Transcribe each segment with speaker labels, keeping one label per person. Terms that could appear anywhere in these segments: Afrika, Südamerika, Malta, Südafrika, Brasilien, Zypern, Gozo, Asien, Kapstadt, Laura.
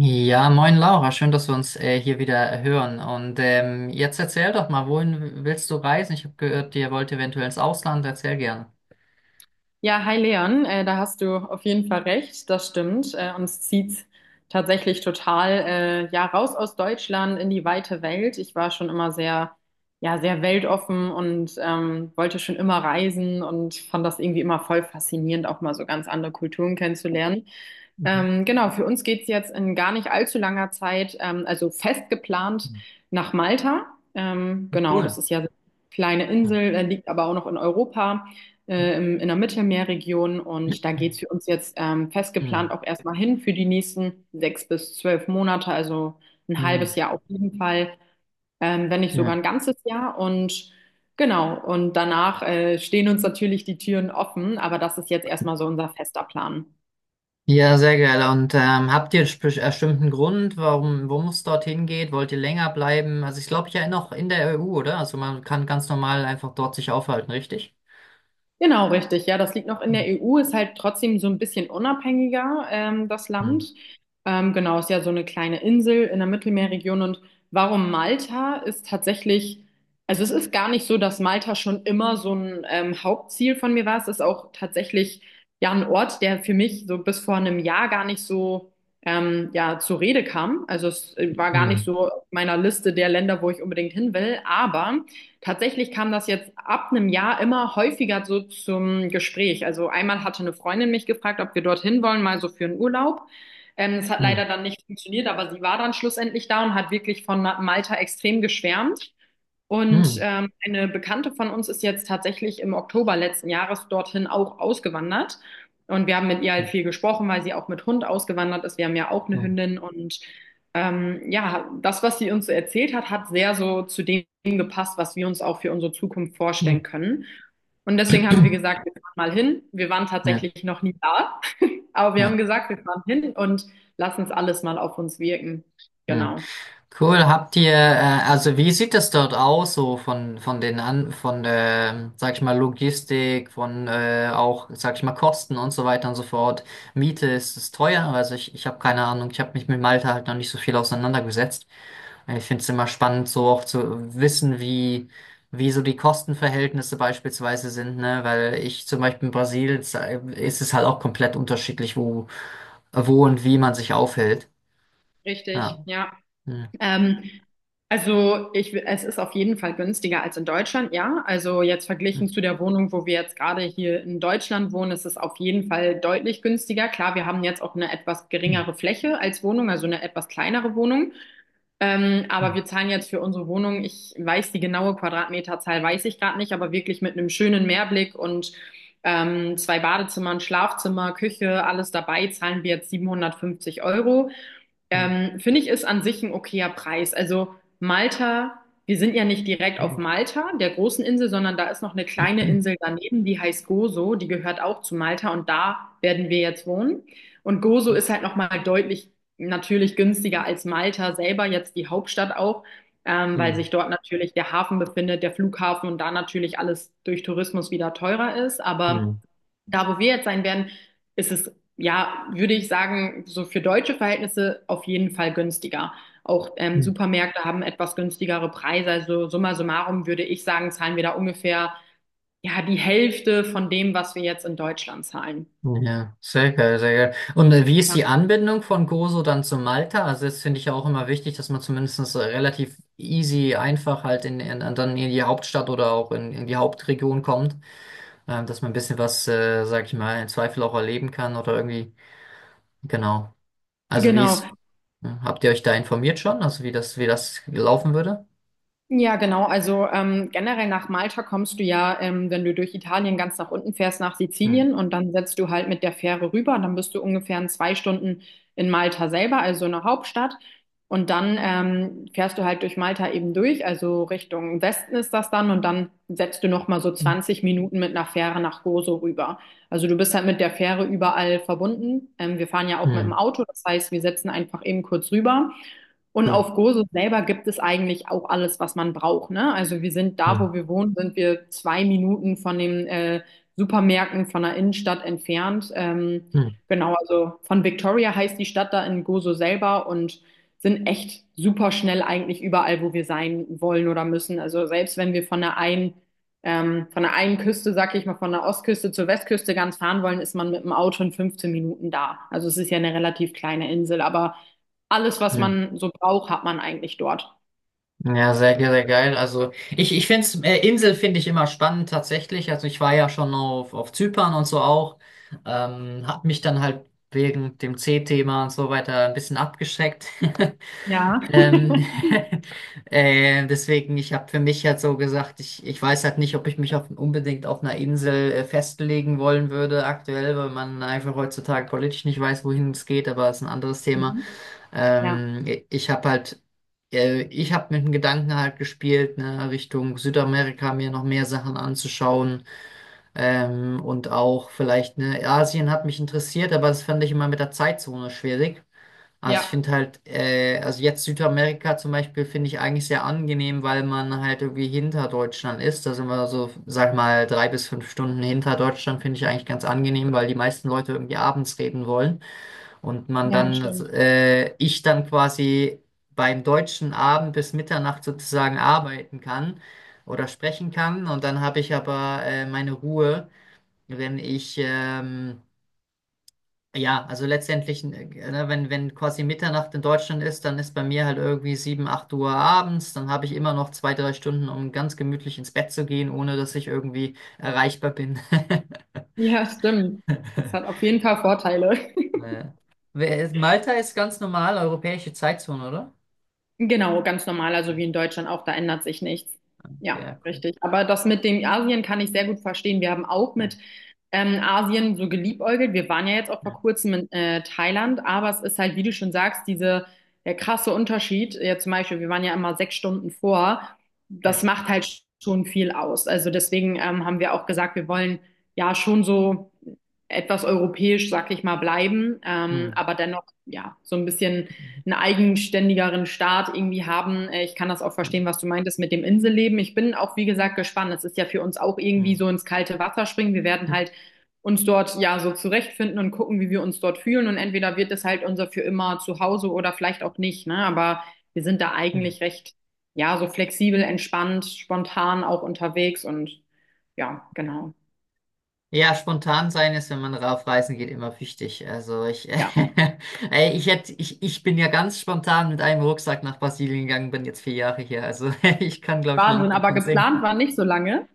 Speaker 1: Ja, moin Laura, schön, dass wir uns hier wieder hören. Und jetzt erzähl doch mal, wohin willst du reisen? Ich habe gehört, ihr wollt eventuell ins Ausland. Erzähl gerne.
Speaker 2: Ja, hi Leon, da hast du auf jeden Fall recht, das stimmt. Uns zieht's tatsächlich total ja raus aus Deutschland in die weite Welt. Ich war schon immer sehr, ja, sehr weltoffen und wollte schon immer reisen und fand das irgendwie immer voll faszinierend, auch mal so ganz andere Kulturen kennenzulernen.
Speaker 1: Mhm.
Speaker 2: Genau, für uns geht's jetzt in gar nicht allzu langer Zeit, also fest geplant nach Malta. Genau, das
Speaker 1: Cool.
Speaker 2: ist ja so eine kleine Insel, liegt aber auch noch in Europa in der Mittelmeerregion und da geht's für uns jetzt festgeplant
Speaker 1: Mhm.
Speaker 2: auch erstmal hin für die nächsten 6 bis 12 Monate, also ein halbes
Speaker 1: Mhm.
Speaker 2: Jahr auf jeden Fall, wenn nicht sogar
Speaker 1: Ja,
Speaker 2: ein ganzes Jahr, und genau, und danach stehen uns natürlich die Türen offen, aber das ist jetzt erstmal so unser fester Plan.
Speaker 1: ja, sehr geil. Und habt ihr einen bestimmten Grund, warum, worum es dorthin geht? Wollt ihr länger bleiben? Also ich glaube ja noch in der EU, oder? Also man kann ganz normal einfach dort sich aufhalten, richtig?
Speaker 2: Genau, richtig. Ja, das liegt noch in der
Speaker 1: Mhm.
Speaker 2: EU, ist halt trotzdem so ein bisschen unabhängiger, das Land.
Speaker 1: Mhm.
Speaker 2: Genau, ist ja so eine kleine Insel in der Mittelmeerregion. Und warum Malta ist tatsächlich, also es ist gar nicht so, dass Malta schon immer so ein Hauptziel von mir war. Es ist auch tatsächlich ja ein Ort, der für mich so bis vor einem Jahr gar nicht so ja zur Rede kam. Also es war gar nicht
Speaker 1: Mhm.
Speaker 2: so auf meiner Liste der Länder, wo ich unbedingt hin will. Aber tatsächlich kam das jetzt ab einem Jahr immer häufiger so zum Gespräch. Also einmal hatte eine Freundin mich gefragt, ob wir dorthin wollen, mal so für einen Urlaub. Es hat leider dann nicht funktioniert, aber sie war dann schlussendlich da und hat wirklich von Malta extrem geschwärmt. Und
Speaker 1: Mhm.
Speaker 2: eine Bekannte von uns ist jetzt tatsächlich im Oktober letzten Jahres dorthin auch ausgewandert. Und wir haben mit ihr halt viel gesprochen, weil sie auch mit Hund ausgewandert ist. Wir haben ja auch eine Hündin, und ja, das, was sie uns so erzählt hat, hat sehr so zu dem gepasst, was wir uns auch für unsere Zukunft vorstellen
Speaker 1: Mhm.
Speaker 2: können. Und deswegen haben wir gesagt, wir fahren mal hin. Wir waren
Speaker 1: Ja,
Speaker 2: tatsächlich noch nie da, aber wir haben
Speaker 1: ja,
Speaker 2: gesagt, wir fahren hin und lassen es alles mal auf uns wirken.
Speaker 1: ja.
Speaker 2: Genau.
Speaker 1: Cool, also wie sieht das dort aus, so von den an, von der, sag ich mal, Logistik, von auch, sag ich mal, Kosten und so weiter und so fort. Miete, ist es teuer? Also ich habe keine Ahnung, ich habe mich mit Malta halt noch nicht so viel auseinandergesetzt. Ich finde es immer spannend, so auch zu wissen, wie, wie so die Kostenverhältnisse beispielsweise sind, ne? Weil ich zum Beispiel in Brasilien ist es halt auch komplett unterschiedlich, wo, wo und wie man sich aufhält.
Speaker 2: Richtig,
Speaker 1: Ja.
Speaker 2: ja.
Speaker 1: Hm.
Speaker 2: Ähm, also es ist auf jeden Fall günstiger als in Deutschland, ja. Also jetzt
Speaker 1: Hm.
Speaker 2: verglichen zu der Wohnung, wo wir jetzt gerade hier in Deutschland wohnen, ist es auf jeden Fall deutlich günstiger. Klar, wir haben jetzt auch eine etwas
Speaker 1: Hm.
Speaker 2: geringere Fläche als Wohnung, also eine etwas kleinere Wohnung. Aber
Speaker 1: Hm.
Speaker 2: wir zahlen jetzt für unsere Wohnung, ich weiß die genaue Quadratmeterzahl, weiß ich gerade nicht, aber wirklich mit einem schönen Meerblick und zwei Badezimmern, Schlafzimmer, Küche, alles dabei, zahlen wir jetzt 750 Euro.
Speaker 1: Hm,
Speaker 2: Finde ich, ist an sich ein okayer Preis. Also Malta, wir sind ja nicht direkt
Speaker 1: hm,
Speaker 2: auf Malta, der großen Insel, sondern da ist noch eine kleine Insel daneben, die heißt Gozo, die gehört auch zu Malta, und da werden wir jetzt wohnen. Und Gozo ist halt nochmal deutlich natürlich günstiger als Malta selber, jetzt die Hauptstadt auch, weil
Speaker 1: hm,
Speaker 2: sich dort natürlich der Hafen befindet, der Flughafen, und da natürlich alles durch Tourismus wieder teurer ist. Aber da, wo wir jetzt sein werden, ist es ja, würde ich sagen, so für deutsche Verhältnisse auf jeden Fall günstiger. Auch
Speaker 1: hm.
Speaker 2: Supermärkte haben etwas günstigere Preise. Also summa summarum würde ich sagen, zahlen wir da ungefähr ja die Hälfte von dem, was wir jetzt in Deutschland zahlen.
Speaker 1: Ja, sehr geil, sehr geil. Und wie ist
Speaker 2: Ja,
Speaker 1: die Anbindung von Gozo dann zu Malta? Also das finde ich ja auch immer wichtig, dass man zumindest relativ easy, einfach halt in, dann in die Hauptstadt oder auch in die Hauptregion kommt, dass man ein bisschen was, sag ich mal, im Zweifel auch erleben kann oder irgendwie, genau. Also wie
Speaker 2: genau.
Speaker 1: ist, hm, habt ihr euch da informiert schon? Also wie das laufen würde?
Speaker 2: Ja, genau. Also generell nach Malta kommst du ja, wenn du durch Italien ganz nach unten fährst, nach
Speaker 1: Hm.
Speaker 2: Sizilien, und dann setzt du halt mit der Fähre rüber. Dann bist du ungefähr in 2 Stunden in Malta selber, also in der Hauptstadt. Und dann fährst du halt durch Malta eben durch, also Richtung Westen ist das dann. Und dann setzt du nochmal so 20 Minuten mit einer Fähre nach Gozo rüber. Also du bist halt mit der Fähre überall verbunden. Wir fahren ja auch mit dem
Speaker 1: Hm.
Speaker 2: Auto, das heißt, wir setzen einfach eben kurz rüber. Und
Speaker 1: Cool.
Speaker 2: auf Gozo selber gibt es eigentlich auch alles, was man braucht, ne? Also wir sind da,
Speaker 1: Hm.
Speaker 2: wo wir wohnen, sind wir 2 Minuten von den Supermärkten von der Innenstadt entfernt.
Speaker 1: Hm.
Speaker 2: Genau, also von Victoria heißt die Stadt da in Gozo selber, und sind echt super schnell eigentlich überall, wo wir sein wollen oder müssen. Also selbst wenn wir von der einen Küste, sag ich mal, von der Ostküste zur Westküste ganz fahren wollen, ist man mit dem Auto in 15 Minuten da. Also es ist ja eine relativ kleine Insel, aber alles,
Speaker 1: Hm.
Speaker 2: was
Speaker 1: Hm.
Speaker 2: man so braucht, hat man eigentlich dort.
Speaker 1: Ja, sehr geil. Also ich finde es, Insel finde ich immer spannend tatsächlich. Also ich war ja schon auf Zypern und so auch. Hab mich dann halt wegen dem C-Thema und so weiter ein bisschen abgeschreckt.
Speaker 2: Ja.
Speaker 1: Ähm, deswegen, ich habe für mich halt so gesagt, ich weiß halt nicht, ob ich mich auf, unbedingt auf einer Insel festlegen wollen würde aktuell, weil man einfach heutzutage politisch nicht weiß, wohin es geht, aber es ist ein anderes Thema.
Speaker 2: Mhm. Ja.
Speaker 1: Ähm, ich habe halt, Ich habe mit dem Gedanken halt gespielt, ne, Richtung Südamerika mir noch mehr Sachen anzuschauen. Und auch vielleicht, ne, Asien hat mich interessiert, aber das fand ich immer mit der Zeitzone schwierig. Also ich
Speaker 2: Ja,
Speaker 1: finde halt, also jetzt Südamerika zum Beispiel finde ich eigentlich sehr angenehm, weil man halt irgendwie hinter Deutschland ist. Da sind wir so, sag mal, drei bis fünf Stunden hinter Deutschland, finde ich eigentlich ganz angenehm, weil die meisten Leute irgendwie abends reden wollen. Und
Speaker 2: Ja, stimmt.
Speaker 1: ich dann quasi beim deutschen Abend bis Mitternacht sozusagen arbeiten kann oder sprechen kann. Und dann habe ich aber meine Ruhe, wenn ja, also ne, wenn, wenn quasi Mitternacht in Deutschland ist, dann ist bei mir halt irgendwie 7 8 Uhr abends. Dann habe ich immer noch zwei, drei Stunden, um ganz gemütlich ins Bett zu gehen, ohne dass ich irgendwie erreichbar bin.
Speaker 2: ja, stimmt. Das hat auf jeden Fall Vorteile.
Speaker 1: Äh, Malta ist ganz normal europäische Zeitzone, oder?
Speaker 2: Genau, ganz normal, also wie in Deutschland auch, da ändert sich nichts.
Speaker 1: Okay,
Speaker 2: Ja,
Speaker 1: ja, gut.
Speaker 2: richtig. Aber das mit dem Asien kann ich sehr gut verstehen. Wir haben auch
Speaker 1: Ja,
Speaker 2: mit Asien so geliebäugelt. Wir waren ja jetzt auch vor
Speaker 1: ja,
Speaker 2: kurzem in Thailand, aber es ist halt, wie du schon sagst, diese, der krasse Unterschied. Ja, zum Beispiel, wir waren ja immer 6 Stunden vor. Das
Speaker 1: ja.
Speaker 2: macht halt schon viel aus. Also deswegen haben wir auch gesagt, wir wollen ja schon so etwas europäisch, sag ich mal, bleiben,
Speaker 1: Hm.
Speaker 2: aber dennoch, ja, so ein bisschen
Speaker 1: Hm.
Speaker 2: einen eigenständigeren Staat irgendwie haben. Ich kann das auch
Speaker 1: Hm.
Speaker 2: verstehen, was du meintest mit dem Inselleben. Ich bin auch, wie gesagt, gespannt. Es ist ja für uns auch irgendwie
Speaker 1: Hm.
Speaker 2: so ins kalte Wasser springen. Wir werden
Speaker 1: Hm.
Speaker 2: halt uns dort ja so zurechtfinden und gucken, wie wir uns dort fühlen. Und entweder wird es halt unser für immer Zuhause oder vielleicht auch nicht, ne? Aber wir sind da
Speaker 1: Hm.
Speaker 2: eigentlich recht, ja, so flexibel, entspannt, spontan auch unterwegs und ja, genau.
Speaker 1: Ja, spontan sein ist, wenn man auf Reisen geht, immer wichtig. Also ich,
Speaker 2: Ja,
Speaker 1: ey, ich bin ja ganz spontan mit einem Rucksack nach Brasilien gegangen, bin jetzt vier Jahre hier. Also ich kann, glaube ich, ein
Speaker 2: Wahnsinn.
Speaker 1: Lied
Speaker 2: Aber
Speaker 1: davon singen.
Speaker 2: geplant war nicht so lange.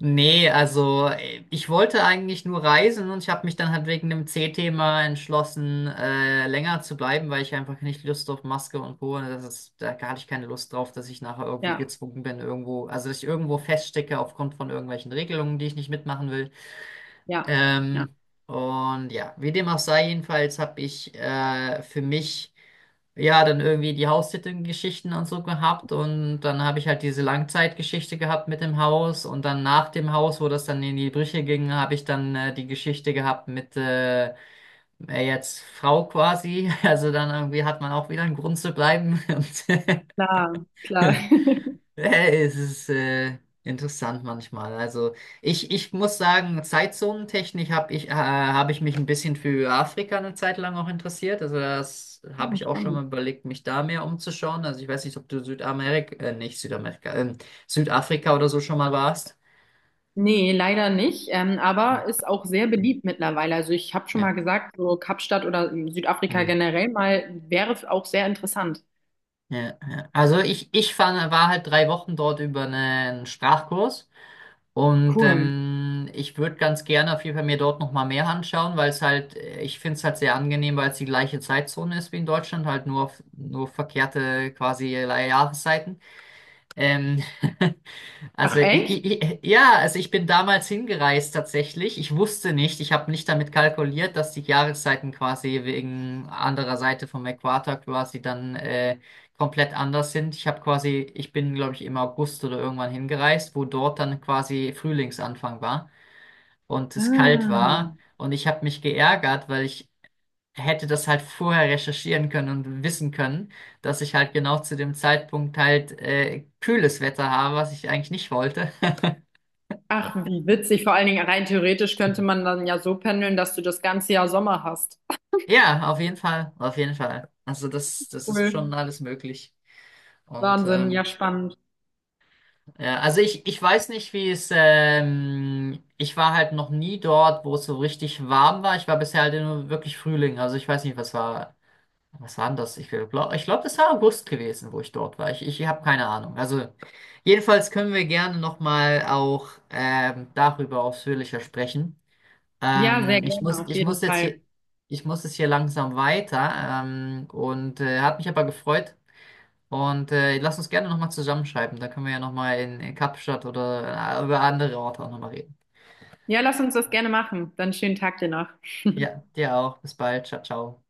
Speaker 1: Nee, also ich wollte eigentlich nur reisen und ich habe mich dann halt wegen dem C-Thema entschlossen, länger zu bleiben, weil ich einfach nicht Lust auf Maske und Co. Das ist, da hatte ich keine Lust drauf, dass ich nachher irgendwie
Speaker 2: Ja,
Speaker 1: gezwungen bin, irgendwo, also dass ich irgendwo feststecke aufgrund von irgendwelchen Regelungen, die ich nicht mitmachen will.
Speaker 2: ja, ja.
Speaker 1: Ähm, und ja, wie dem auch sei, jedenfalls habe ich für mich ja, dann irgendwie die Haustitelgeschichten und so gehabt und dann habe ich halt diese Langzeitgeschichte gehabt mit dem Haus und dann nach dem Haus, wo das dann in die Brüche ging, habe ich dann die Geschichte gehabt mit jetzt Frau quasi. Also dann irgendwie hat man auch wieder einen Grund zu bleiben und
Speaker 2: Klar, klar.
Speaker 1: Es ist interessant manchmal. Also ich muss sagen, Zeitzonentechnik hab ich mich ein bisschen für Afrika eine Zeit lang auch interessiert. Also das habe
Speaker 2: Ja,
Speaker 1: ich auch schon
Speaker 2: spannend.
Speaker 1: mal überlegt, mich da mehr umzuschauen. Also ich weiß nicht, ob du Südamerika, nicht Südamerika, Südafrika oder so schon mal warst.
Speaker 2: Nee, leider nicht, aber
Speaker 1: Mhm.
Speaker 2: ist auch sehr beliebt mittlerweile. Also ich habe schon mal
Speaker 1: Ja.
Speaker 2: gesagt, so Kapstadt oder Südafrika
Speaker 1: Mhm.
Speaker 2: generell mal wäre auch sehr interessant.
Speaker 1: Ja, ja. Also ich fand, war halt drei Wochen dort über einen Sprachkurs. Und
Speaker 2: Cool.
Speaker 1: ich würde ganz gerne auf jeden Fall mir dort nochmal mehr anschauen, weil es halt, ich finde es halt sehr angenehm, weil es die gleiche Zeitzone ist wie in Deutschland, nur verkehrte quasi Jahreszeiten. Ähm,
Speaker 2: Ach echt?
Speaker 1: ja, also ich bin damals hingereist tatsächlich. Ich wusste nicht, ich habe nicht damit kalkuliert, dass die Jahreszeiten quasi wegen anderer Seite vom Äquator quasi dann komplett anders sind. Ich habe quasi, ich bin glaube ich im August oder irgendwann hingereist, wo dort dann quasi Frühlingsanfang war und es kalt
Speaker 2: Ah.
Speaker 1: war. Und ich habe mich geärgert, weil ich hätte das halt vorher recherchieren können und wissen können, dass ich halt genau zu dem Zeitpunkt halt kühles Wetter habe, was ich eigentlich nicht wollte.
Speaker 2: Ach, wie witzig. Vor allen Dingen rein theoretisch könnte man dann ja so pendeln, dass du das ganze Jahr Sommer hast.
Speaker 1: Ja, auf jeden Fall, auf jeden Fall. Also das ist schon
Speaker 2: Cool.
Speaker 1: alles möglich. Und
Speaker 2: Wahnsinn, ja spannend.
Speaker 1: ja, also ich weiß nicht, wie es, ich war halt noch nie dort, wo es so richtig warm war. Ich war bisher halt nur wirklich Frühling. Also ich weiß nicht, was war denn das? Ich glaube, das war August gewesen, wo ich dort war. Ich habe keine Ahnung. Also jedenfalls können wir gerne nochmal auch darüber ausführlicher sprechen.
Speaker 2: Ja, sehr gerne, auf
Speaker 1: Ich
Speaker 2: jeden
Speaker 1: muss jetzt
Speaker 2: Fall.
Speaker 1: hier, ich muss es hier langsam weiter. Hat mich aber gefreut. Und lass uns gerne nochmal zusammenschreiben. Da können wir ja nochmal in Kapstadt oder über andere Orte auch nochmal reden.
Speaker 2: Ja, lass uns das gerne machen. Dann schönen Tag dir noch.
Speaker 1: Ja, dir auch. Bis bald. Ciao, ciao.